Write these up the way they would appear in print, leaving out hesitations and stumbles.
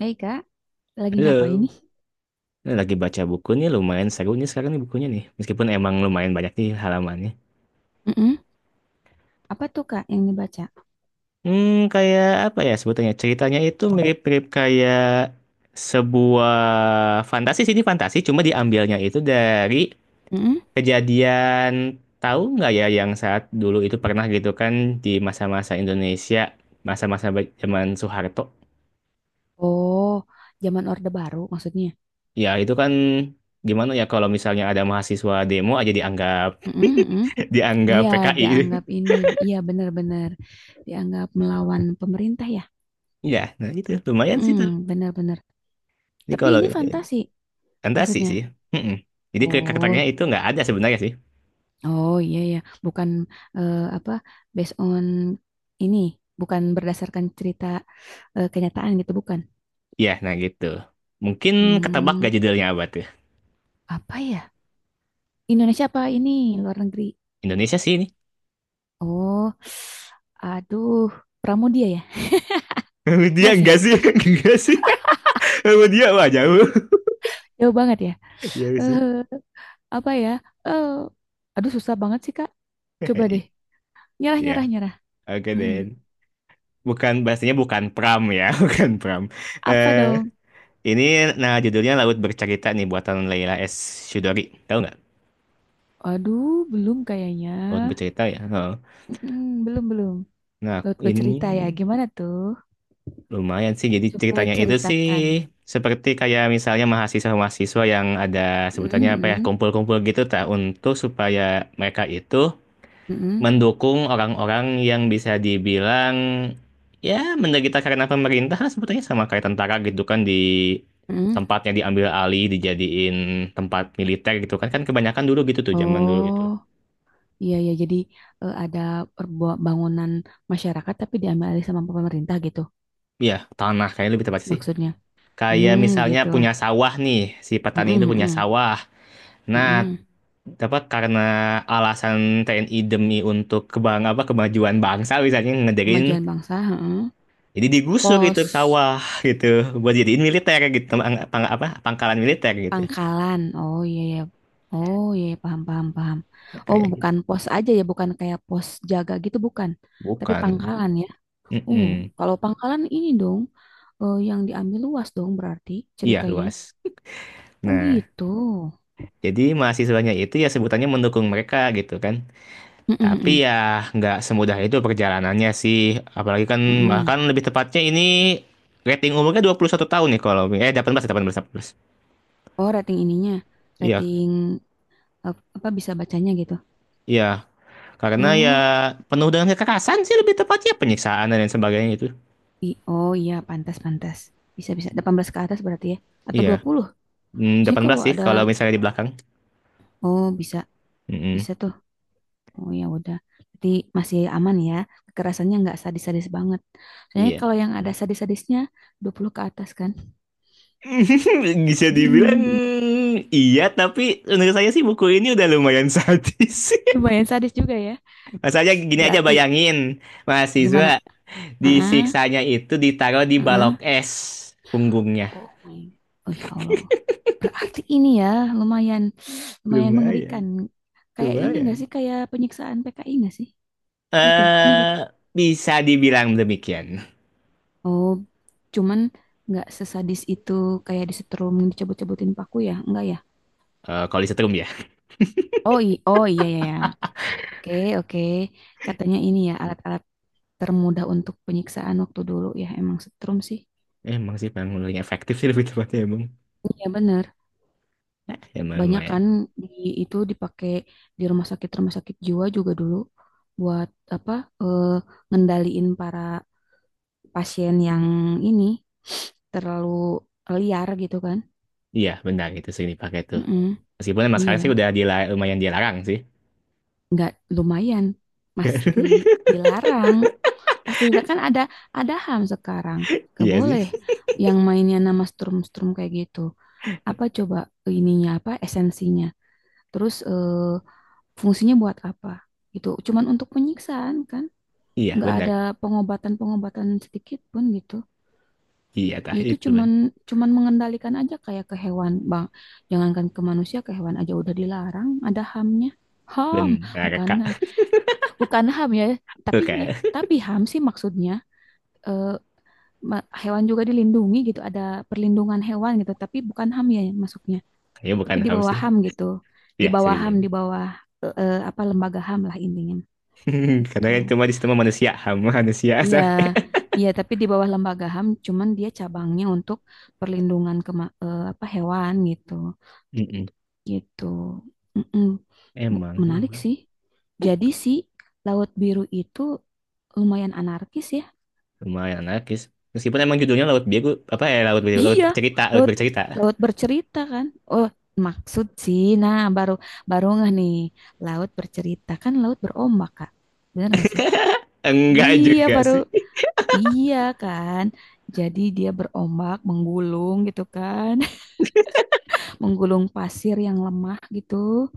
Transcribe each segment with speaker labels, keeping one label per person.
Speaker 1: Hei kak, lagi
Speaker 2: Halo,
Speaker 1: ngapain nih?
Speaker 2: ini lagi baca buku nih lumayan seru nih sekarang nih bukunya nih. Meskipun emang lumayan banyak nih halamannya.
Speaker 1: Mm-mm. Apa tuh kak yang dibaca?
Speaker 2: Hmm, Kayak apa ya sebutannya? Ceritanya itu mirip-mirip kayak sebuah fantasi sih ini fantasi, cuma diambilnya itu dari
Speaker 1: Mm-mm.
Speaker 2: kejadian tahu nggak ya yang saat dulu itu pernah gitu kan di masa-masa Indonesia, masa-masa zaman Soeharto.
Speaker 1: Oh, zaman Orde Baru maksudnya.
Speaker 2: Ya itu kan gimana ya kalau misalnya ada mahasiswa demo aja dianggap
Speaker 1: Mm-mm, mm-mm.
Speaker 2: dianggap
Speaker 1: Iya,
Speaker 2: PKI.
Speaker 1: dianggap ini, iya benar-benar dianggap melawan pemerintah ya.
Speaker 2: Iya, nah itu lumayan sih tuh.
Speaker 1: Hmm, benar-benar.
Speaker 2: Jadi
Speaker 1: Tapi
Speaker 2: kalau
Speaker 1: ini
Speaker 2: ini
Speaker 1: fantasi
Speaker 2: fantasi
Speaker 1: maksudnya.
Speaker 2: sih. Mm-mm. Jadi
Speaker 1: Oh,
Speaker 2: karakternya itu nggak ada sebenarnya sih.
Speaker 1: oh iya ya, bukan apa based on ini, bukan berdasarkan cerita kenyataan gitu, bukan.
Speaker 2: Iya, nah gitu. Mungkin ketebak gak
Speaker 1: Hmm,
Speaker 2: judulnya apa tuh?
Speaker 1: apa ya? Indonesia apa ini luar negeri?
Speaker 2: Indonesia sih ini.
Speaker 1: Oh, aduh, Pramudia ya?
Speaker 2: Dia
Speaker 1: Enggak sih,
Speaker 2: enggak sih, enggak sih. Sama dia wah jauh.
Speaker 1: jauh banget ya.
Speaker 2: Iya
Speaker 1: Eh,
Speaker 2: sih.
Speaker 1: apa ya? Eh, aduh, susah banget sih, Kak. Coba deh, nyerah,
Speaker 2: Iya,
Speaker 1: nyerah, nyerah.
Speaker 2: oke
Speaker 1: Mm-mm.
Speaker 2: Den. Bukan bahasanya bukan pram ya, bukan pram.
Speaker 1: Apa
Speaker 2: Eh,
Speaker 1: dong?
Speaker 2: ini nah judulnya Laut Bercerita nih buatan Leila S. Chudori. Tahu nggak?
Speaker 1: Aduh, belum kayaknya.
Speaker 2: Laut Bercerita ya. Oh.
Speaker 1: Mm-mm, belum, belum.
Speaker 2: Nah,
Speaker 1: Laut
Speaker 2: ini
Speaker 1: bercerita ya, gimana tuh?
Speaker 2: lumayan sih, jadi
Speaker 1: Coba
Speaker 2: ceritanya itu sih
Speaker 1: ceritakan.
Speaker 2: seperti kayak misalnya mahasiswa-mahasiswa yang ada sebutannya apa ya,
Speaker 1: Mm-mm,
Speaker 2: kumpul-kumpul gitu tak untuk supaya mereka itu
Speaker 1: mm-mm,
Speaker 2: mendukung orang-orang yang bisa dibilang ya menderita karena pemerintah lah sebetulnya sama kayak tentara gitu kan di
Speaker 1: mm-mm.
Speaker 2: tempatnya diambil alih dijadiin tempat militer gitu kan kan kebanyakan dulu gitu tuh zaman dulu itu.
Speaker 1: Oh, iya, ya. Jadi ada perbu- bangunan masyarakat tapi diambil alih sama pemerintah gitu,
Speaker 2: Iya, tanah kayaknya lebih tepat sih.
Speaker 1: maksudnya.
Speaker 2: Kayak
Speaker 1: Hmm,
Speaker 2: misalnya
Speaker 1: gitu.
Speaker 2: punya sawah nih, si petani
Speaker 1: Mhm
Speaker 2: itu punya
Speaker 1: mhm,
Speaker 2: sawah. Nah,
Speaker 1: mhm.
Speaker 2: apa karena alasan TNI demi untuk kebang apa kemajuan bangsa misalnya ngederin
Speaker 1: Kemajuan bangsa, heeh.
Speaker 2: jadi digusur gitu
Speaker 1: Pos
Speaker 2: sawah gitu buat jadiin militer gitu pangkalan militer gitu.
Speaker 1: pangkalan. Oh iya ya. Oh iya ya, paham paham paham.
Speaker 2: Nah,
Speaker 1: Oh,
Speaker 2: kayak gitu
Speaker 1: bukan pos aja ya, bukan kayak pos jaga gitu bukan. Tapi
Speaker 2: bukan.
Speaker 1: pangkalan ya. Oh,
Speaker 2: Mm-mm.
Speaker 1: kalau pangkalan ini dong yang diambil luas dong berarti
Speaker 2: Iya
Speaker 1: ceritanya.
Speaker 2: luas,
Speaker 1: Oh
Speaker 2: nah,
Speaker 1: gitu.
Speaker 2: jadi mahasiswanya itu ya sebutannya mendukung mereka gitu kan,
Speaker 1: Mhm
Speaker 2: tapi
Speaker 1: mhm,
Speaker 2: ya nggak semudah itu perjalanannya sih, apalagi kan
Speaker 1: mhm.
Speaker 2: bahkan lebih tepatnya ini rating umurnya 21 tahun nih kalau delapan delapan belas delapan belas delapan belas
Speaker 1: Oh, rating ininya.
Speaker 2: iya
Speaker 1: Rating apa bisa bacanya gitu.
Speaker 2: iya. Karena ya
Speaker 1: Oh.
Speaker 2: penuh dengan kekerasan sih lebih tepatnya penyiksaan dan lain sebagainya itu.
Speaker 1: I- oh iya, pantas, pantas. Bisa, bisa. Delapan belas ke atas berarti ya. Atau
Speaker 2: Iya.
Speaker 1: 20? Maksudnya
Speaker 2: 18
Speaker 1: kalau
Speaker 2: sih
Speaker 1: ada,
Speaker 2: kalau misalnya di belakang.
Speaker 1: oh bisa,
Speaker 2: Mm-mm.
Speaker 1: bisa tuh. Oh ya udah. Berarti masih aman ya. Kekerasannya nggak sadis-sadis banget. Soalnya
Speaker 2: Iya.
Speaker 1: kalau yang ada sadis-sadisnya 20 ke atas kan.
Speaker 2: Bisa dibilang iya, tapi menurut saya sih buku ini udah lumayan sadis.
Speaker 1: Lumayan sadis juga ya.
Speaker 2: Masalahnya gini aja
Speaker 1: Berarti
Speaker 2: bayangin,
Speaker 1: gimana?
Speaker 2: mahasiswa
Speaker 1: Ah,
Speaker 2: disiksanya itu ditaruh di balok
Speaker 1: ah.
Speaker 2: es punggungnya.
Speaker 1: Oh my. Oh ya Allah. Berarti ini ya lumayan, lumayan mengerikan.
Speaker 2: Lumayan,
Speaker 1: Kayak ini nggak sih?
Speaker 2: lumayan.
Speaker 1: Kayak penyiksaan PKI nggak sih? Gitu, mirip.
Speaker 2: Eh, Bisa dibilang demikian.
Speaker 1: Oh, cuman nggak sesadis itu kayak disetrum dicabut-cabutin paku ya? Enggak ya?
Speaker 2: Kalau disetrum ya.
Speaker 1: Oh, i oh iya iya, iya. Oke, oke. Katanya ini ya alat-alat termudah untuk penyiksaan waktu dulu ya emang setrum sih.
Speaker 2: Emang sih paling paling efektif sih lebih tepatnya emang.
Speaker 1: Iya bener.
Speaker 2: Nah, lumayan,
Speaker 1: Banyak
Speaker 2: lumayan.
Speaker 1: kan di, itu dipakai di rumah sakit jiwa juga dulu buat apa? eh, Ngendaliin para pasien yang ini terlalu liar gitu kan?
Speaker 2: Iya, benar itu sering dipakai tuh.
Speaker 1: Mm-mm.
Speaker 2: Meskipun emang
Speaker 1: Iya,
Speaker 2: sekarang sih udah lumayan dilarang sih.
Speaker 1: nggak lumayan pasti dilarang pasti dilarang kan ada HAM sekarang nggak
Speaker 2: Iya sih.
Speaker 1: boleh yang mainnya nama strum-strum kayak gitu apa coba ininya apa esensinya terus fungsinya buat apa gitu cuman untuk penyiksaan kan
Speaker 2: Iya,
Speaker 1: nggak
Speaker 2: benar.
Speaker 1: ada pengobatan-pengobatan sedikit pun gitu.
Speaker 2: Iya, tah
Speaker 1: Ya itu
Speaker 2: itu ben
Speaker 1: cuman cuman mengendalikan aja kayak ke hewan bang, jangankan ke manusia ke hewan aja udah dilarang ada HAM-nya. HAM,
Speaker 2: benar,
Speaker 1: bukan
Speaker 2: Kak.
Speaker 1: bukan HAM ya, tapi
Speaker 2: Oke.
Speaker 1: tapi HAM sih maksudnya, eh, ma- hewan juga dilindungi gitu, ada perlindungan hewan gitu, tapi bukan HAM ya masuknya,
Speaker 2: Ya, ya,
Speaker 1: tapi
Speaker 2: bukan
Speaker 1: di
Speaker 2: ham
Speaker 1: bawah
Speaker 2: sih.
Speaker 1: HAM gitu, di
Speaker 2: Iya, bisa
Speaker 1: bawah HAM,
Speaker 2: dibilang.
Speaker 1: di bawah apa lembaga HAM lah intinya
Speaker 2: Karena
Speaker 1: gitu.
Speaker 2: kan cuma di situ mah manusia, ham manusia.
Speaker 1: Iya,
Speaker 2: sah.
Speaker 1: iya tapi di bawah lembaga HAM, cuman dia cabangnya untuk perlindungan kema- apa hewan gitu,
Speaker 2: Mm-mm.
Speaker 1: gitu. Mm-mm.
Speaker 2: Emang sih
Speaker 1: Menarik
Speaker 2: lumayan,
Speaker 1: sih. Jadi si Laut Biru itu lumayan anarkis ya.
Speaker 2: lumayan anarkis. Meskipun emang judulnya Laut Biru, apa ya Laut Biru, Laut
Speaker 1: Iya,
Speaker 2: Bercerita, Laut
Speaker 1: lewat
Speaker 2: Bercerita.
Speaker 1: laut bercerita kan. Oh, maksud sih. Nah, baru baru nggak nih laut bercerita kan laut berombak, Kak. Benar nggak sih?
Speaker 2: Enggak
Speaker 1: Iya,
Speaker 2: juga
Speaker 1: baru
Speaker 2: sih.
Speaker 1: iya kan. Jadi dia berombak, menggulung gitu kan. Menggulung pasir yang lemah gitu.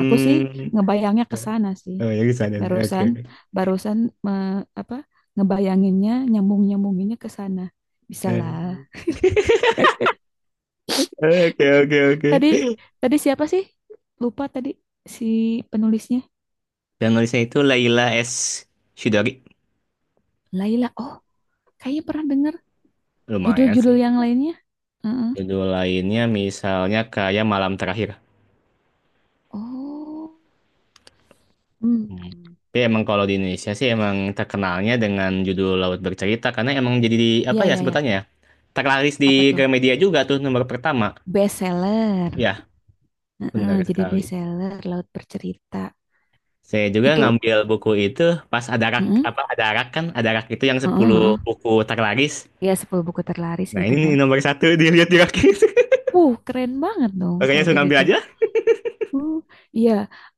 Speaker 1: Aku sih ngebayangnya ke
Speaker 2: Ya.
Speaker 1: sana sih.
Speaker 2: Oh, ya di sana sih. Oke.
Speaker 1: Barusan
Speaker 2: Oke.
Speaker 1: barusan me- apa? Ngebayanginnya, nyambung-nyambunginnya ke sana. Bisa
Speaker 2: Eh,
Speaker 1: lah.
Speaker 2: Oke, oke, oke.
Speaker 1: Tadi tadi siapa sih? Lupa tadi si penulisnya.
Speaker 2: Dan nulisnya itu Laila S. Shidori.
Speaker 1: Laila. Oh, kayaknya pernah dengar
Speaker 2: Lumayan
Speaker 1: judul-judul
Speaker 2: sih.
Speaker 1: yang lainnya. Heeh.
Speaker 2: Judul lainnya misalnya kayak Malam Terakhir.
Speaker 1: Oh.
Speaker 2: Hmm.
Speaker 1: Hmm.
Speaker 2: Tapi emang kalau di Indonesia sih emang terkenalnya dengan judul Laut Bercerita karena emang jadi di,
Speaker 1: Iya,
Speaker 2: apa ya
Speaker 1: iya, iya.
Speaker 2: sebutannya ya? Terlaris
Speaker 1: Apa
Speaker 2: di
Speaker 1: tuh?
Speaker 2: Gramedia juga tuh nomor pertama.
Speaker 1: Bestseller.
Speaker 2: Ya,
Speaker 1: Heeh,
Speaker 2: benar
Speaker 1: jadi
Speaker 2: sekali.
Speaker 1: bestseller Laut Bercerita.
Speaker 2: Saya juga
Speaker 1: Itu,
Speaker 2: ngambil buku itu pas ada rak
Speaker 1: heeh,
Speaker 2: apa ada rak kan ada rak itu yang
Speaker 1: heeh,
Speaker 2: sepuluh
Speaker 1: heeh.
Speaker 2: buku terlaris.
Speaker 1: Ya sepuluh buku terlaris
Speaker 2: Nah
Speaker 1: gitu
Speaker 2: ini nih
Speaker 1: kan.
Speaker 2: nomor satu dilihat di rak.
Speaker 1: Keren banget dong
Speaker 2: Makanya
Speaker 1: kalau
Speaker 2: langsung
Speaker 1: kayak
Speaker 2: ngambil
Speaker 1: gitu.
Speaker 2: aja.
Speaker 1: Uh, iya,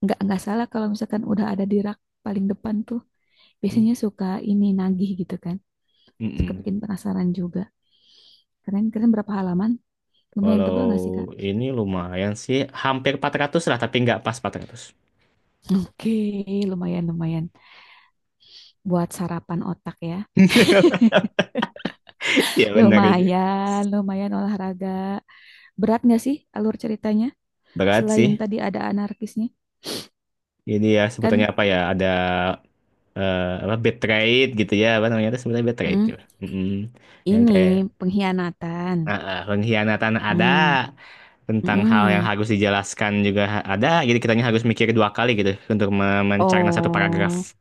Speaker 1: nggak salah kalau misalkan udah ada di rak paling depan tuh. Biasanya suka ini nagih gitu kan, suka bikin
Speaker 2: Mm-mm.
Speaker 1: penasaran juga. Keren, keren berapa halaman? Lumayan
Speaker 2: Kalau
Speaker 1: tebal nggak sih, Kak?
Speaker 2: ini lumayan sih, hampir 400 lah, tapi nggak pas 400.
Speaker 1: Oke, lumayan, lumayan. Buat sarapan otak ya.
Speaker 2: Ya benar aja.
Speaker 1: Lumayan, lumayan olahraga. Berat nggak sih alur ceritanya?
Speaker 2: Berat sih.
Speaker 1: Selain tadi ada anarkisnya.
Speaker 2: Jadi ya sebutannya
Speaker 1: Kan
Speaker 2: apa ya, ada apa bad trade gitu ya, apa namanya itu sebenarnya bad trade.
Speaker 1: mm,
Speaker 2: Gitu. Mm-mm. Yang
Speaker 1: ini
Speaker 2: kayak
Speaker 1: pengkhianatan.
Speaker 2: ah, ah, pengkhianatan ada,
Speaker 1: Mm,
Speaker 2: tentang hal yang
Speaker 1: mm.
Speaker 2: harus dijelaskan juga ada, jadi kitanya harus mikir dua kali gitu untuk mencerna satu
Speaker 1: Oh,
Speaker 2: paragraf.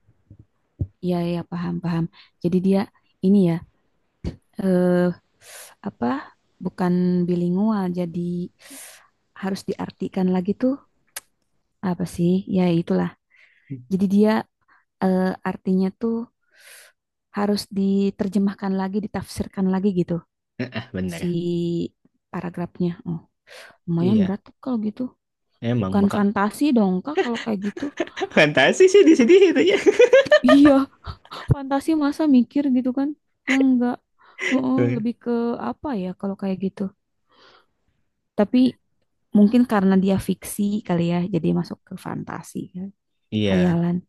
Speaker 1: iya, iya, paham, paham. Jadi dia ini ya, eh apa bukan bilingual jadi harus diartikan lagi tuh apa sih ya itulah jadi dia, artinya tuh harus diterjemahkan lagi ditafsirkan lagi gitu
Speaker 2: Benar.
Speaker 1: si paragrafnya, oh lumayan
Speaker 2: Iya,
Speaker 1: berat tuh kalau gitu,
Speaker 2: emang
Speaker 1: bukan
Speaker 2: maka.
Speaker 1: fantasi dong kak kalau kayak gitu.
Speaker 2: Fantasi sih di sini itu ya.
Speaker 1: Iya fantasi masa mikir gitu kan yang enggak, oh, lebih ke apa ya kalau kayak gitu, tapi mungkin karena dia fiksi kali ya, jadi masuk ke fantasi kan.
Speaker 2: Iya.
Speaker 1: Hayalan.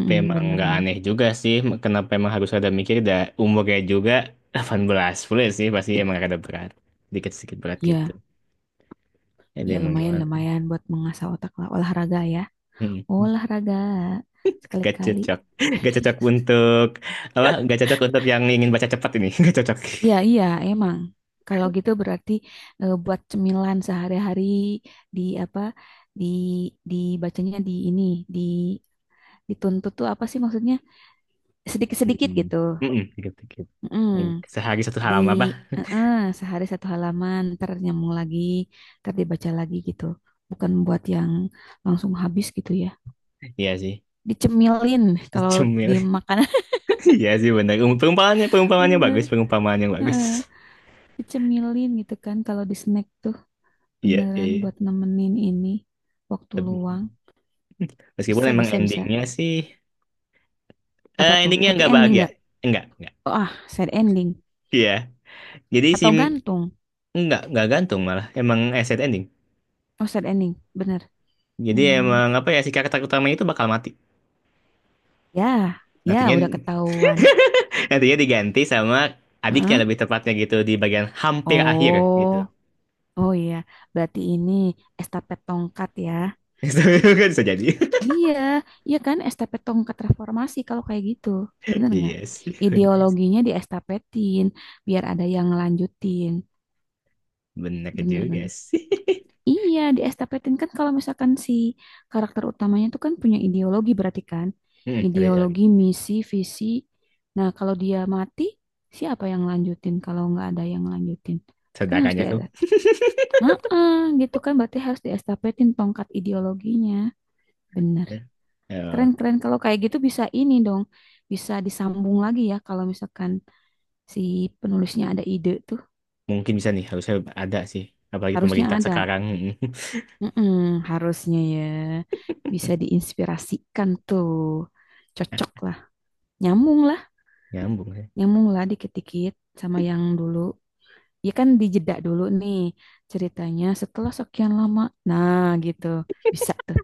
Speaker 2: Tapi emang nggak
Speaker 1: bener-bener.
Speaker 2: aneh juga sih, kenapa emang harus ada mikir, dah umurnya juga 18 full sih, pasti emang ada berat. Dikit-sedikit berat gitu.
Speaker 1: Ya,
Speaker 2: Jadi
Speaker 1: ya
Speaker 2: emang
Speaker 1: lumayan
Speaker 2: gimana?
Speaker 1: lumayan buat mengasah otak lah olahraga ya.
Speaker 2: Hmm,
Speaker 1: Olahraga
Speaker 2: Gak
Speaker 1: sekali-kali.
Speaker 2: cocok. Gak cocok untuk yang ingin baca cepat ini. Gak cocok.
Speaker 1: Iya, iya, emang. Kalau gitu berarti buat cemilan sehari-hari di apa di dibacanya di ini di dituntut tuh apa sih maksudnya? Sedikit-sedikit
Speaker 2: Hmm.
Speaker 1: gitu.
Speaker 2: Mm-mm, dikit-dikit.
Speaker 1: Mm.
Speaker 2: Hmm, Sehari satu
Speaker 1: Di
Speaker 2: halaman apa?
Speaker 1: eh, eh, sehari satu halaman ntar nyambung lagi ntar dibaca lagi gitu bukan buat yang langsung habis gitu ya,
Speaker 2: Iya sih.
Speaker 1: dicemilin kalau di
Speaker 2: Cemil.
Speaker 1: makanan.
Speaker 2: Iya sih benar. Perumpamaannya, perumpamaannya
Speaker 1: Bener,
Speaker 2: bagus, perumpamaannya yang bagus.
Speaker 1: eh, dicemilin gitu kan kalau di snack tuh
Speaker 2: Iya,
Speaker 1: beneran
Speaker 2: eh.
Speaker 1: buat nemenin ini waktu luang
Speaker 2: Tapi- Meskipun
Speaker 1: bisa
Speaker 2: emang
Speaker 1: bisa bisa.
Speaker 2: endingnya sih,
Speaker 1: Apa tuh
Speaker 2: endingnya
Speaker 1: happy
Speaker 2: nggak
Speaker 1: ending
Speaker 2: bahagia.
Speaker 1: nggak?
Speaker 2: Enggak.
Speaker 1: Oh, ah sad ending
Speaker 2: Iya. Jadi si
Speaker 1: atau gantung?
Speaker 2: nggak gantung malah. Emang asset ending.
Speaker 1: Oh sad ending, bener.
Speaker 2: Jadi
Speaker 1: Hmm.
Speaker 2: emang apa ya si karakter utamanya itu bakal mati.
Speaker 1: Ya ya
Speaker 2: Nantinya
Speaker 1: udah ketahuan.
Speaker 2: nantinya diganti sama adiknya
Speaker 1: Heeh.
Speaker 2: lebih tepatnya gitu di bagian hampir akhir gitu.
Speaker 1: Oh, oh iya, berarti ini estafet tongkat ya.
Speaker 2: Itu kan bisa jadi.
Speaker 1: Iya, iya kan estafet tongkat reformasi kalau kayak gitu. Bener nggak?
Speaker 2: Iya sih. Benar, sih.
Speaker 1: Ideologinya diestapetin biar ada yang ngelanjutin.
Speaker 2: Benar juga
Speaker 1: Bener-bener.
Speaker 2: sih.
Speaker 1: Iya, diestapetin kan kalau misalkan si karakter utamanya itu kan punya ideologi berarti kan.
Speaker 2: Ada lagi.
Speaker 1: Ideologi, misi, visi. Nah, kalau dia mati, siapa yang lanjutin kalau nggak ada yang lanjutin? Itu kan harus
Speaker 2: Saudaranya tuh.
Speaker 1: diada. Heeh, gitu kan berarti harus diestapetin tongkat ideologinya. Benar.
Speaker 2: Eh,
Speaker 1: Keren-keren kalau kayak gitu bisa ini dong. Bisa disambung lagi ya kalau misalkan si penulisnya ada ide tuh.
Speaker 2: Mungkin bisa nih harusnya ada sih. Apalagi
Speaker 1: Harusnya
Speaker 2: pemerintah
Speaker 1: ada.
Speaker 2: sekarang.
Speaker 1: Mm-mm, harusnya ya. Bisa diinspirasikan tuh. Cocok lah. Nyambung lah.
Speaker 2: Nyambung ya.
Speaker 1: Nyambung lah dikit-dikit sama yang dulu. Ya kan dijeda dulu nih ceritanya setelah sekian lama. Nah gitu. Bisa tuh.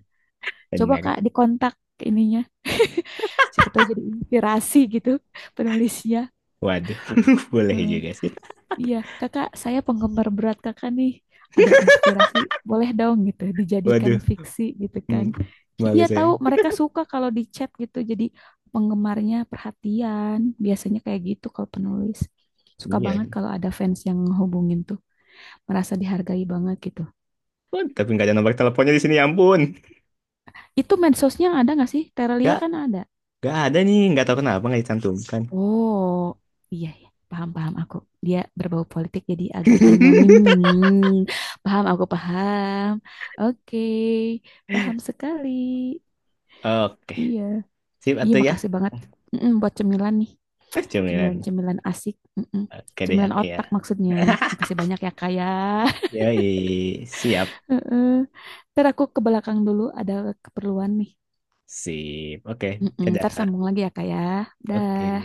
Speaker 1: Coba
Speaker 2: Benar.
Speaker 1: Kak dikontak ininya. Siapa tahu jadi inspirasi gitu penulisnya.
Speaker 2: Waduh, boleh
Speaker 1: Heeh.
Speaker 2: juga sih.
Speaker 1: Iya, kakak, saya penggemar berat kakak nih. Ada inspirasi, boleh dong gitu, dijadikan
Speaker 2: Waduh,
Speaker 1: fiksi gitu
Speaker 2: Hmm.
Speaker 1: kan.
Speaker 2: malu
Speaker 1: Iya
Speaker 2: saya.
Speaker 1: tahu, mereka suka kalau di chat gitu, jadi penggemarnya perhatian. Biasanya kayak gitu kalau penulis. Suka banget
Speaker 2: Iya.
Speaker 1: kalau ada fans yang hubungin tuh, merasa dihargai banget gitu.
Speaker 2: Oh, tapi nggak ada nomor teleponnya di sini, ya ampun.
Speaker 1: Itu mensosnya ada nggak sih? Terelia
Speaker 2: Nggak,
Speaker 1: kan ada.
Speaker 2: nggak ada nih. Nggak tahu kenapa nggak dicantumkan.
Speaker 1: Oh, iya ya, paham paham aku. Dia berbau politik jadi agak anonim. Paham aku paham. Oke, paham sekali.
Speaker 2: Oke,
Speaker 1: Iya,
Speaker 2: sip
Speaker 1: iya
Speaker 2: atau ya?
Speaker 1: makasih banget. Mm-mm, buat cemilan nih,
Speaker 2: Cemilan.
Speaker 1: cemilan-cemilan asik. Mm-mm.
Speaker 2: Oke deh,
Speaker 1: Cemilan
Speaker 2: aku ya.
Speaker 1: otak maksudnya. Makasih banyak ya kak ya.
Speaker 2: Yoi, siap.
Speaker 1: Heeh. Ntar aku ke belakang dulu ada keperluan nih.
Speaker 2: Sip. Oke,
Speaker 1: Mm-mm, ntar
Speaker 2: dadah.
Speaker 1: sambung lagi ya kak ya.
Speaker 2: Oke.
Speaker 1: Dah.